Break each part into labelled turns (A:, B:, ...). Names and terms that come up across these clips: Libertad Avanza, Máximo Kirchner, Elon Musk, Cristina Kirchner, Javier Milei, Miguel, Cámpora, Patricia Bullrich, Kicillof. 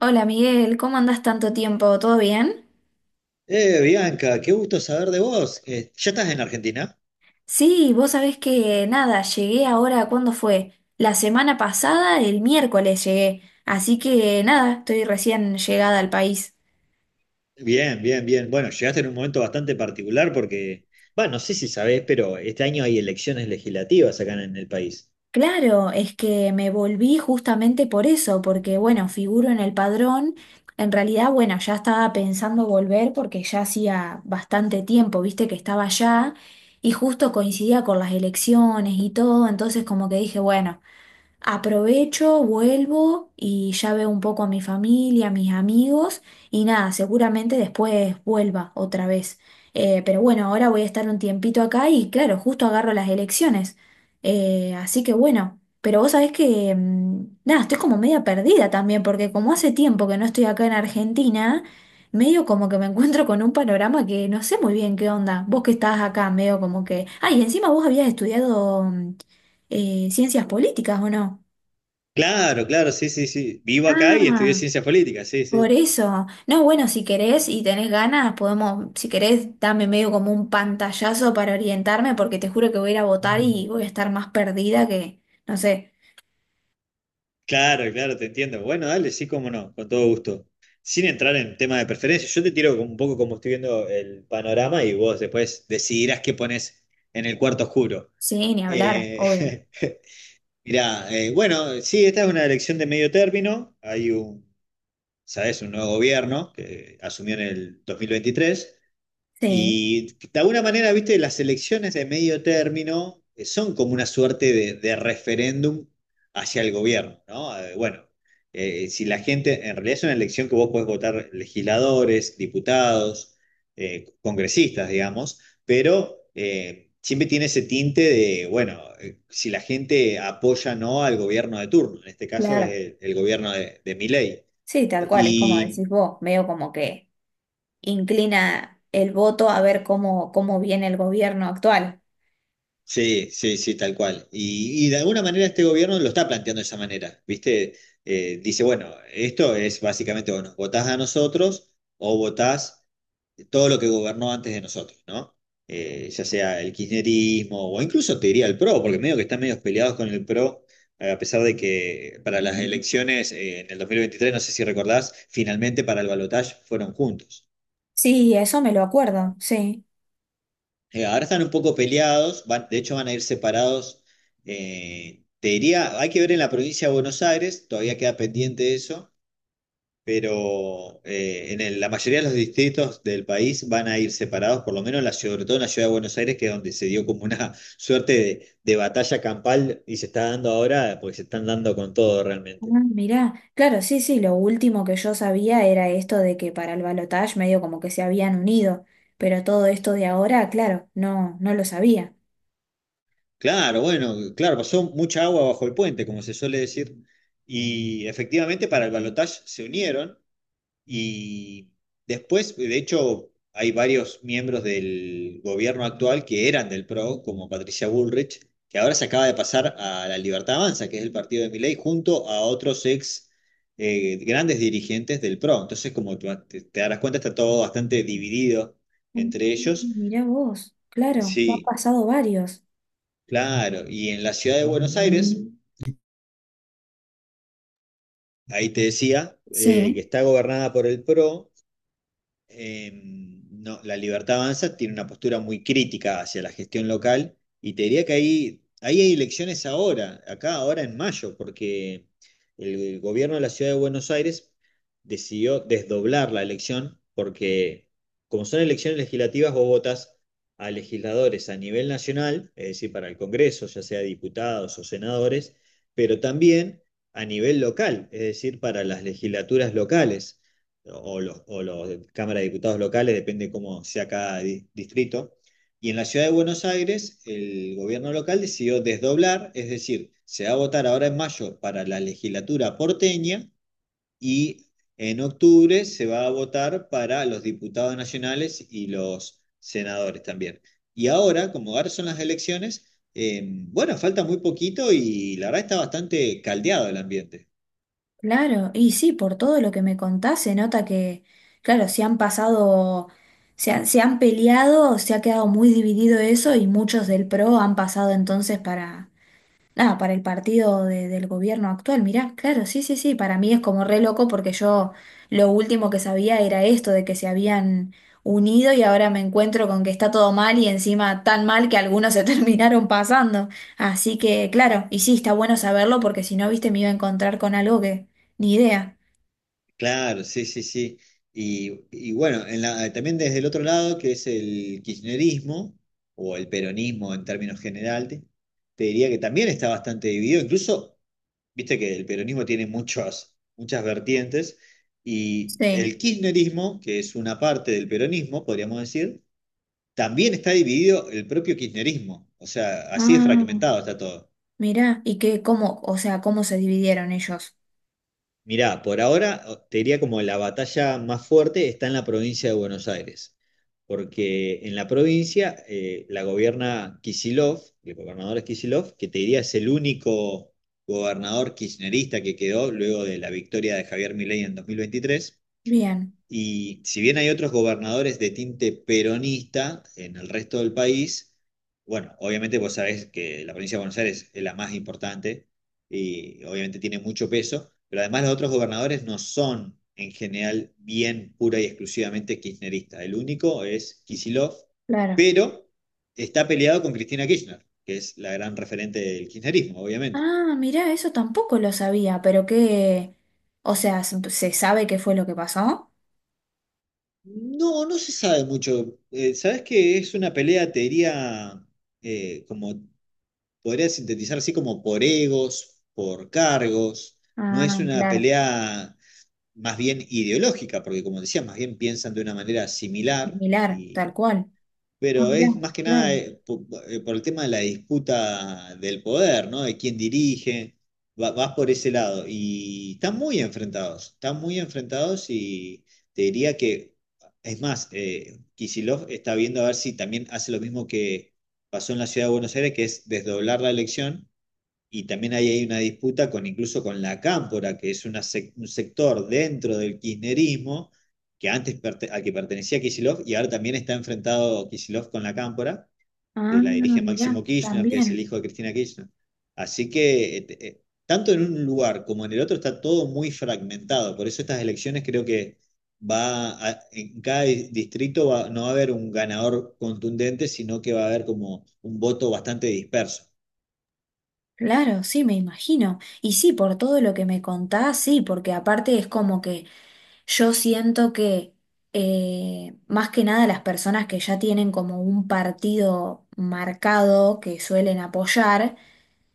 A: Hola Miguel, ¿cómo andás tanto tiempo? ¿Todo bien?
B: Bianca, qué gusto saber de vos. ¿Ya estás en Argentina?
A: Sí, vos sabés que nada, llegué ahora, ¿cuándo fue? La semana pasada, el miércoles llegué, así que nada, estoy recién llegada al país.
B: Bien, bien, bien. Bueno, llegaste en un momento bastante particular porque, bueno, no sé si sabés, pero este año hay elecciones legislativas acá en el país.
A: Claro, es que me volví justamente por eso, porque bueno, figuro en el padrón, en realidad bueno, ya estaba pensando volver porque ya hacía bastante tiempo, viste que estaba allá y justo coincidía con las elecciones y todo, entonces como que dije, bueno. Aprovecho, vuelvo y ya veo un poco a mi familia, a mis amigos y nada, seguramente después vuelva otra vez. Pero bueno, ahora voy a estar un tiempito acá y claro, justo agarro las elecciones. Así que bueno, pero vos sabés que nada, estoy como media perdida también porque como hace tiempo que no estoy acá en Argentina, medio como que me encuentro con un panorama que no sé muy bien qué onda. Vos que estás acá, medio como que... Ay, encima vos habías estudiado ciencias políticas, ¿o no?
B: Claro, claro, sí, sí, sí. Vivo acá y estudié
A: Ah,
B: ciencias políticas, sí,
A: por
B: sí.
A: eso. No, bueno, si querés y tenés ganas, podemos, si querés, dame medio como un pantallazo para orientarme, porque te juro que voy a ir a votar
B: Mm.
A: y voy a estar más perdida que, no sé,
B: Claro, claro, te entiendo. Bueno, dale, sí, cómo no, con todo gusto. Sin entrar en tema de preferencia, yo te tiro un poco como estoy viendo el panorama y vos después decidirás qué pones en el cuarto oscuro.
A: sí, ni hablar,
B: Eh,
A: obvio.
B: Mirá, bueno, sí, esta es una elección de medio término. Hay un, sabes, un nuevo gobierno que asumió en el 2023
A: Sí,
B: y de alguna manera, viste, las elecciones de medio término son como una suerte de referéndum hacia el gobierno, ¿no? Bueno, si la gente, en realidad es una elección que vos podés votar legisladores, diputados, congresistas, digamos, pero siempre tiene ese tinte de, bueno, si la gente apoya o no al gobierno de turno, en este caso es
A: claro.
B: el gobierno de Milei.
A: Sí, tal cual, es como
B: Y
A: decís vos, medio como que inclina el voto a ver cómo, cómo viene el gobierno actual.
B: Sí, sí, sí, tal cual. Y de alguna manera este gobierno lo está planteando de esa manera, ¿viste? Dice, bueno, esto es básicamente, bueno, votás a nosotros o votás todo lo que gobernó antes de nosotros, ¿no? Ya sea el kirchnerismo o incluso te diría el PRO, porque medio que están medio peleados con el PRO, a pesar de que para las elecciones en el 2023 no sé si recordás, finalmente para el balotaje fueron juntos.
A: Sí, eso me lo acuerdo, sí.
B: Ahora están un poco peleados, de hecho van a ir separados. Te diría, hay que ver en la provincia de Buenos Aires, todavía queda pendiente eso, pero la mayoría de los distritos del país van a ir separados, por lo menos sobre todo en la ciudad de Buenos Aires, que es donde se dio como una suerte de batalla campal y se está dando ahora, porque se están dando con todo
A: Ah,
B: realmente.
A: mirá, claro, sí, sí, lo último que yo sabía era esto de que para el balotaje medio como que se habían unido, pero todo esto de ahora, claro, no, no lo sabía.
B: Claro, bueno, claro, pasó mucha agua bajo el puente, como se suele decir, y efectivamente para el balotaje se unieron. Y después, de hecho, hay varios miembros del gobierno actual que eran del PRO, como Patricia Bullrich, que ahora se acaba de pasar a la Libertad Avanza, que es el partido de Milei, junto a otros ex grandes dirigentes del PRO. Entonces, como tú te darás cuenta, está todo bastante dividido
A: Mm,
B: entre ellos.
A: mirá vos, claro, te han
B: Sí,
A: pasado varios.
B: claro. Y en la ciudad de Buenos Aires, ahí te decía, que
A: Sí.
B: está gobernada por el PRO eh, no, la Libertad Avanza tiene una postura muy crítica hacia la gestión local y te diría que ahí hay elecciones ahora, acá ahora en mayo, porque el gobierno de la ciudad de Buenos Aires decidió desdoblar la elección porque como son elecciones legislativas, vos votas a legisladores a nivel nacional, es decir, para el Congreso, ya sea diputados o senadores, pero también a nivel local, es decir, para las legislaturas locales o los de Cámara de Diputados locales, depende cómo sea cada distrito. Y en la ciudad de Buenos Aires, el gobierno local decidió desdoblar, es decir, se va a votar ahora en mayo para la legislatura porteña y en octubre se va a votar para los diputados nacionales y los senadores también. Y ahora, como ahora son las elecciones, bueno, falta muy poquito y la verdad está bastante caldeado el ambiente.
A: Claro, y sí, por todo lo que me contás se nota que, claro, se han pasado, se han peleado, se ha quedado muy dividido eso y muchos del PRO han pasado entonces para, ah, para el partido del gobierno actual, mirá, claro, sí, sí, sí, para mí es como re loco porque yo lo último que sabía era esto de que se habían unido y ahora me encuentro con que está todo mal y encima tan mal que algunos se terminaron pasando. Así que, claro, y sí, está bueno saberlo porque si no, viste, me iba a encontrar con algo que ni idea.
B: Claro, sí, sí, sí. Y bueno, también desde el otro lado, que es el kirchnerismo, o el peronismo en términos generales, te diría que también está bastante dividido. Incluso, viste que el peronismo tiene muchas, muchas vertientes, y
A: Sí.
B: el kirchnerismo, que es una parte del peronismo, podríamos decir, también está dividido el propio kirchnerismo. O sea, así de
A: Ah,
B: fragmentado está todo.
A: mirá, y qué, cómo, o sea, cómo se dividieron ellos.
B: Mirá, por ahora te diría como la batalla más fuerte está en la provincia de Buenos Aires, porque en la provincia la gobierna Kicillof, el gobernador es Kicillof, que te diría es el único gobernador kirchnerista que quedó luego de la victoria de Javier Milei en 2023.
A: Bien,
B: Y si bien hay otros gobernadores de tinte peronista en el resto del país, bueno, obviamente vos sabés que la provincia de Buenos Aires es la más importante y obviamente tiene mucho peso, pero además los otros gobernadores no son en general bien pura y exclusivamente kirchnerista. El único es Kicillof,
A: claro.
B: pero está peleado con Cristina Kirchner, que es la gran referente del kirchnerismo, obviamente.
A: Ah, mirá, eso tampoco lo sabía, pero que, o sea, ¿se sabe qué fue lo que pasó?
B: No, no se sabe mucho. ¿Sabés que es una pelea, te diría, como podría sintetizar así como por egos, por cargos. No es
A: Ah,
B: una
A: claro,
B: pelea más bien ideológica, porque como decía, más bien piensan de una manera similar,
A: similar, tal cual. Ah,
B: pero
A: mirá,
B: es más que nada
A: claro.
B: por el tema de la disputa del poder, ¿no? De quién dirige, vas por ese lado. Y están muy enfrentados y te diría que, es más, Kicillof está viendo a ver si también hace lo mismo que pasó en la ciudad de Buenos Aires, que es desdoblar la elección y también ahí hay una disputa con incluso con la Cámpora, que es una un sector dentro del kirchnerismo que antes al que pertenecía Kicillof y ahora también está enfrentado Kicillof con la Cámpora,
A: Ah,
B: que la dirige
A: mirá,
B: Máximo Kirchner, que es el
A: también.
B: hijo de Cristina Kirchner. Así que tanto en un lugar como en el otro está todo muy fragmentado. Por eso estas elecciones creo que en cada distrito no va a haber un ganador contundente, sino que va a haber como un voto bastante disperso.
A: Claro, sí, me imagino. Y sí, por todo lo que me contás, sí, porque aparte es como que yo siento que más que nada las personas que ya tienen como un partido marcado que suelen apoyar,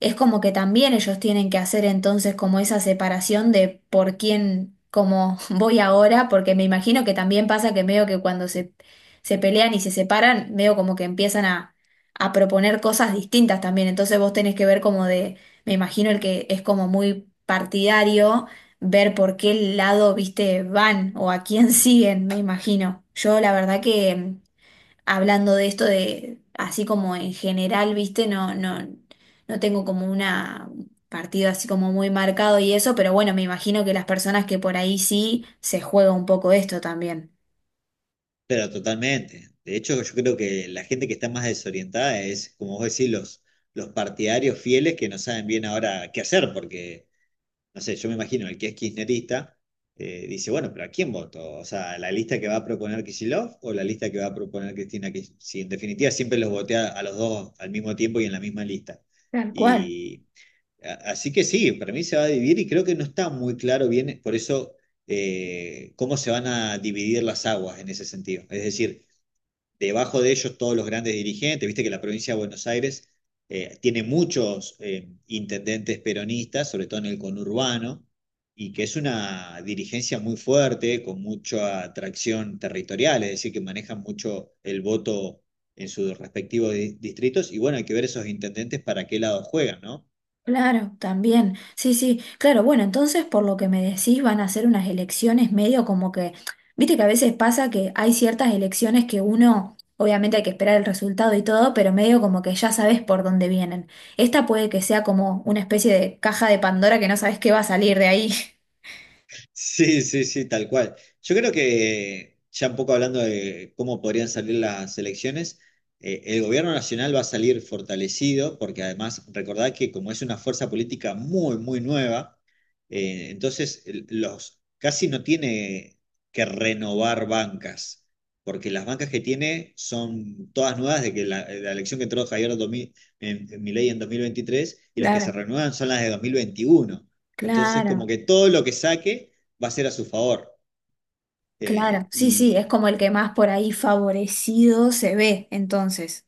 A: es como que también ellos tienen que hacer entonces como esa separación de por quién, como voy ahora, porque me imagino que también pasa que medio que cuando se pelean y se separan, medio como que empiezan a proponer cosas distintas también, entonces vos tenés que ver como de, me imagino el que es como muy partidario, ver por qué lado, viste, van o a quién siguen, me imagino. Yo la verdad que hablando de esto de, así como en general, viste, no, no, no tengo como una un partido así como muy marcado y eso, pero bueno, me imagino que las personas que por ahí sí se juega un poco esto también.
B: Pero totalmente. De hecho, yo creo que la gente que está más desorientada es, como vos decís, los partidarios fieles que no saben bien ahora qué hacer, porque, no sé, yo me imagino, el que es kirchnerista dice, bueno, pero ¿a quién voto? O sea, ¿la lista que va a proponer Kicillof o la lista que va a proponer Cristina Kirchner? Si en definitiva siempre los voté a los dos al mismo tiempo y en la misma lista.
A: Tal cual.
B: Y así que sí, para mí se va a dividir y creo que no está muy claro bien, por eso cómo se van a dividir las aguas en ese sentido. Es decir, debajo de ellos todos los grandes dirigentes, viste que la provincia de Buenos Aires tiene muchos intendentes peronistas, sobre todo en el conurbano, y que es una dirigencia muy fuerte, con mucha atracción territorial, es decir, que manejan mucho el voto en sus respectivos distritos, y bueno, hay que ver esos intendentes para qué lado juegan, ¿no?
A: Claro, también. Sí, sí, claro. Bueno, entonces por lo que me decís van a ser unas elecciones medio como que, viste que a veces pasa que hay ciertas elecciones que uno, obviamente hay que esperar el resultado y todo, pero medio como que ya sabes por dónde vienen. Esta puede que sea como una especie de caja de Pandora que no sabes qué va a salir de ahí.
B: Sí, sí, sí, tal cual. Yo creo que, ya un poco hablando de cómo podrían salir las elecciones, el gobierno nacional va a salir fortalecido, porque además recordad que como es una fuerza política muy, muy nueva, entonces los casi no tiene que renovar bancas, porque las bancas que tiene son todas nuevas de que de la elección que entró Javier en Milei en 2023 y las que se
A: Claro,
B: renuevan son las de 2021. Entonces, como
A: claro,
B: que todo lo que saque va a ser a su favor.
A: claro. Sí, sí, es
B: Y
A: como el que más por ahí favorecido se ve, entonces.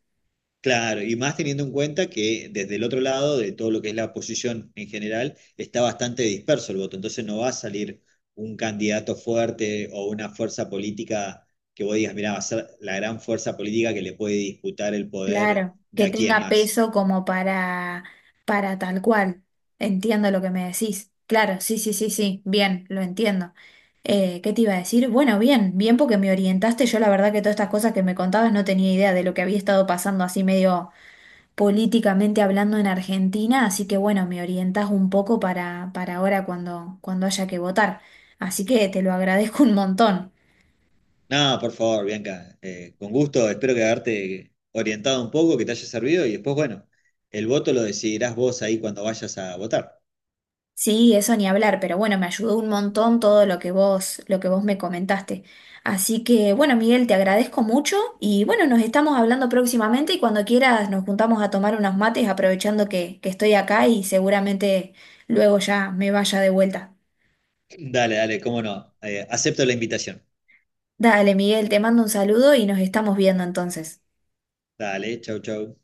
B: claro, y más teniendo en cuenta que desde el otro lado de todo lo que es la oposición en general, está bastante disperso el voto, entonces no va a salir un candidato fuerte o una fuerza política que vos digas, mira, va a ser la gran fuerza política que le puede disputar el poder
A: Claro,
B: de
A: que
B: aquí en
A: tenga
B: más.
A: peso como para tal cual. Entiendo lo que me decís. Claro, sí, sí, sí, sí, bien, lo entiendo. ¿Qué te iba a decir? Bueno, bien, bien porque me orientaste. Yo la verdad que todas estas cosas que me contabas no tenía idea de lo que había estado pasando así medio políticamente hablando en Argentina, así que bueno, me orientás un poco para ahora cuando, cuando haya que votar. Así que te lo agradezco un montón.
B: Nada por favor, Bianca, con gusto, espero que haberte orientado un poco, que te haya servido y después, bueno, el voto lo decidirás vos ahí cuando vayas a votar.
A: Sí, eso ni hablar, pero bueno, me ayudó un montón todo lo que vos me comentaste. Así que bueno, Miguel, te agradezco mucho y bueno, nos estamos hablando próximamente y cuando quieras nos juntamos a tomar unos mates aprovechando que estoy acá y seguramente luego ya me vaya de vuelta.
B: Dale, dale, cómo no. Acepto la invitación.
A: Dale, Miguel, te mando un saludo y nos estamos viendo entonces.
B: Dale, chau, chau.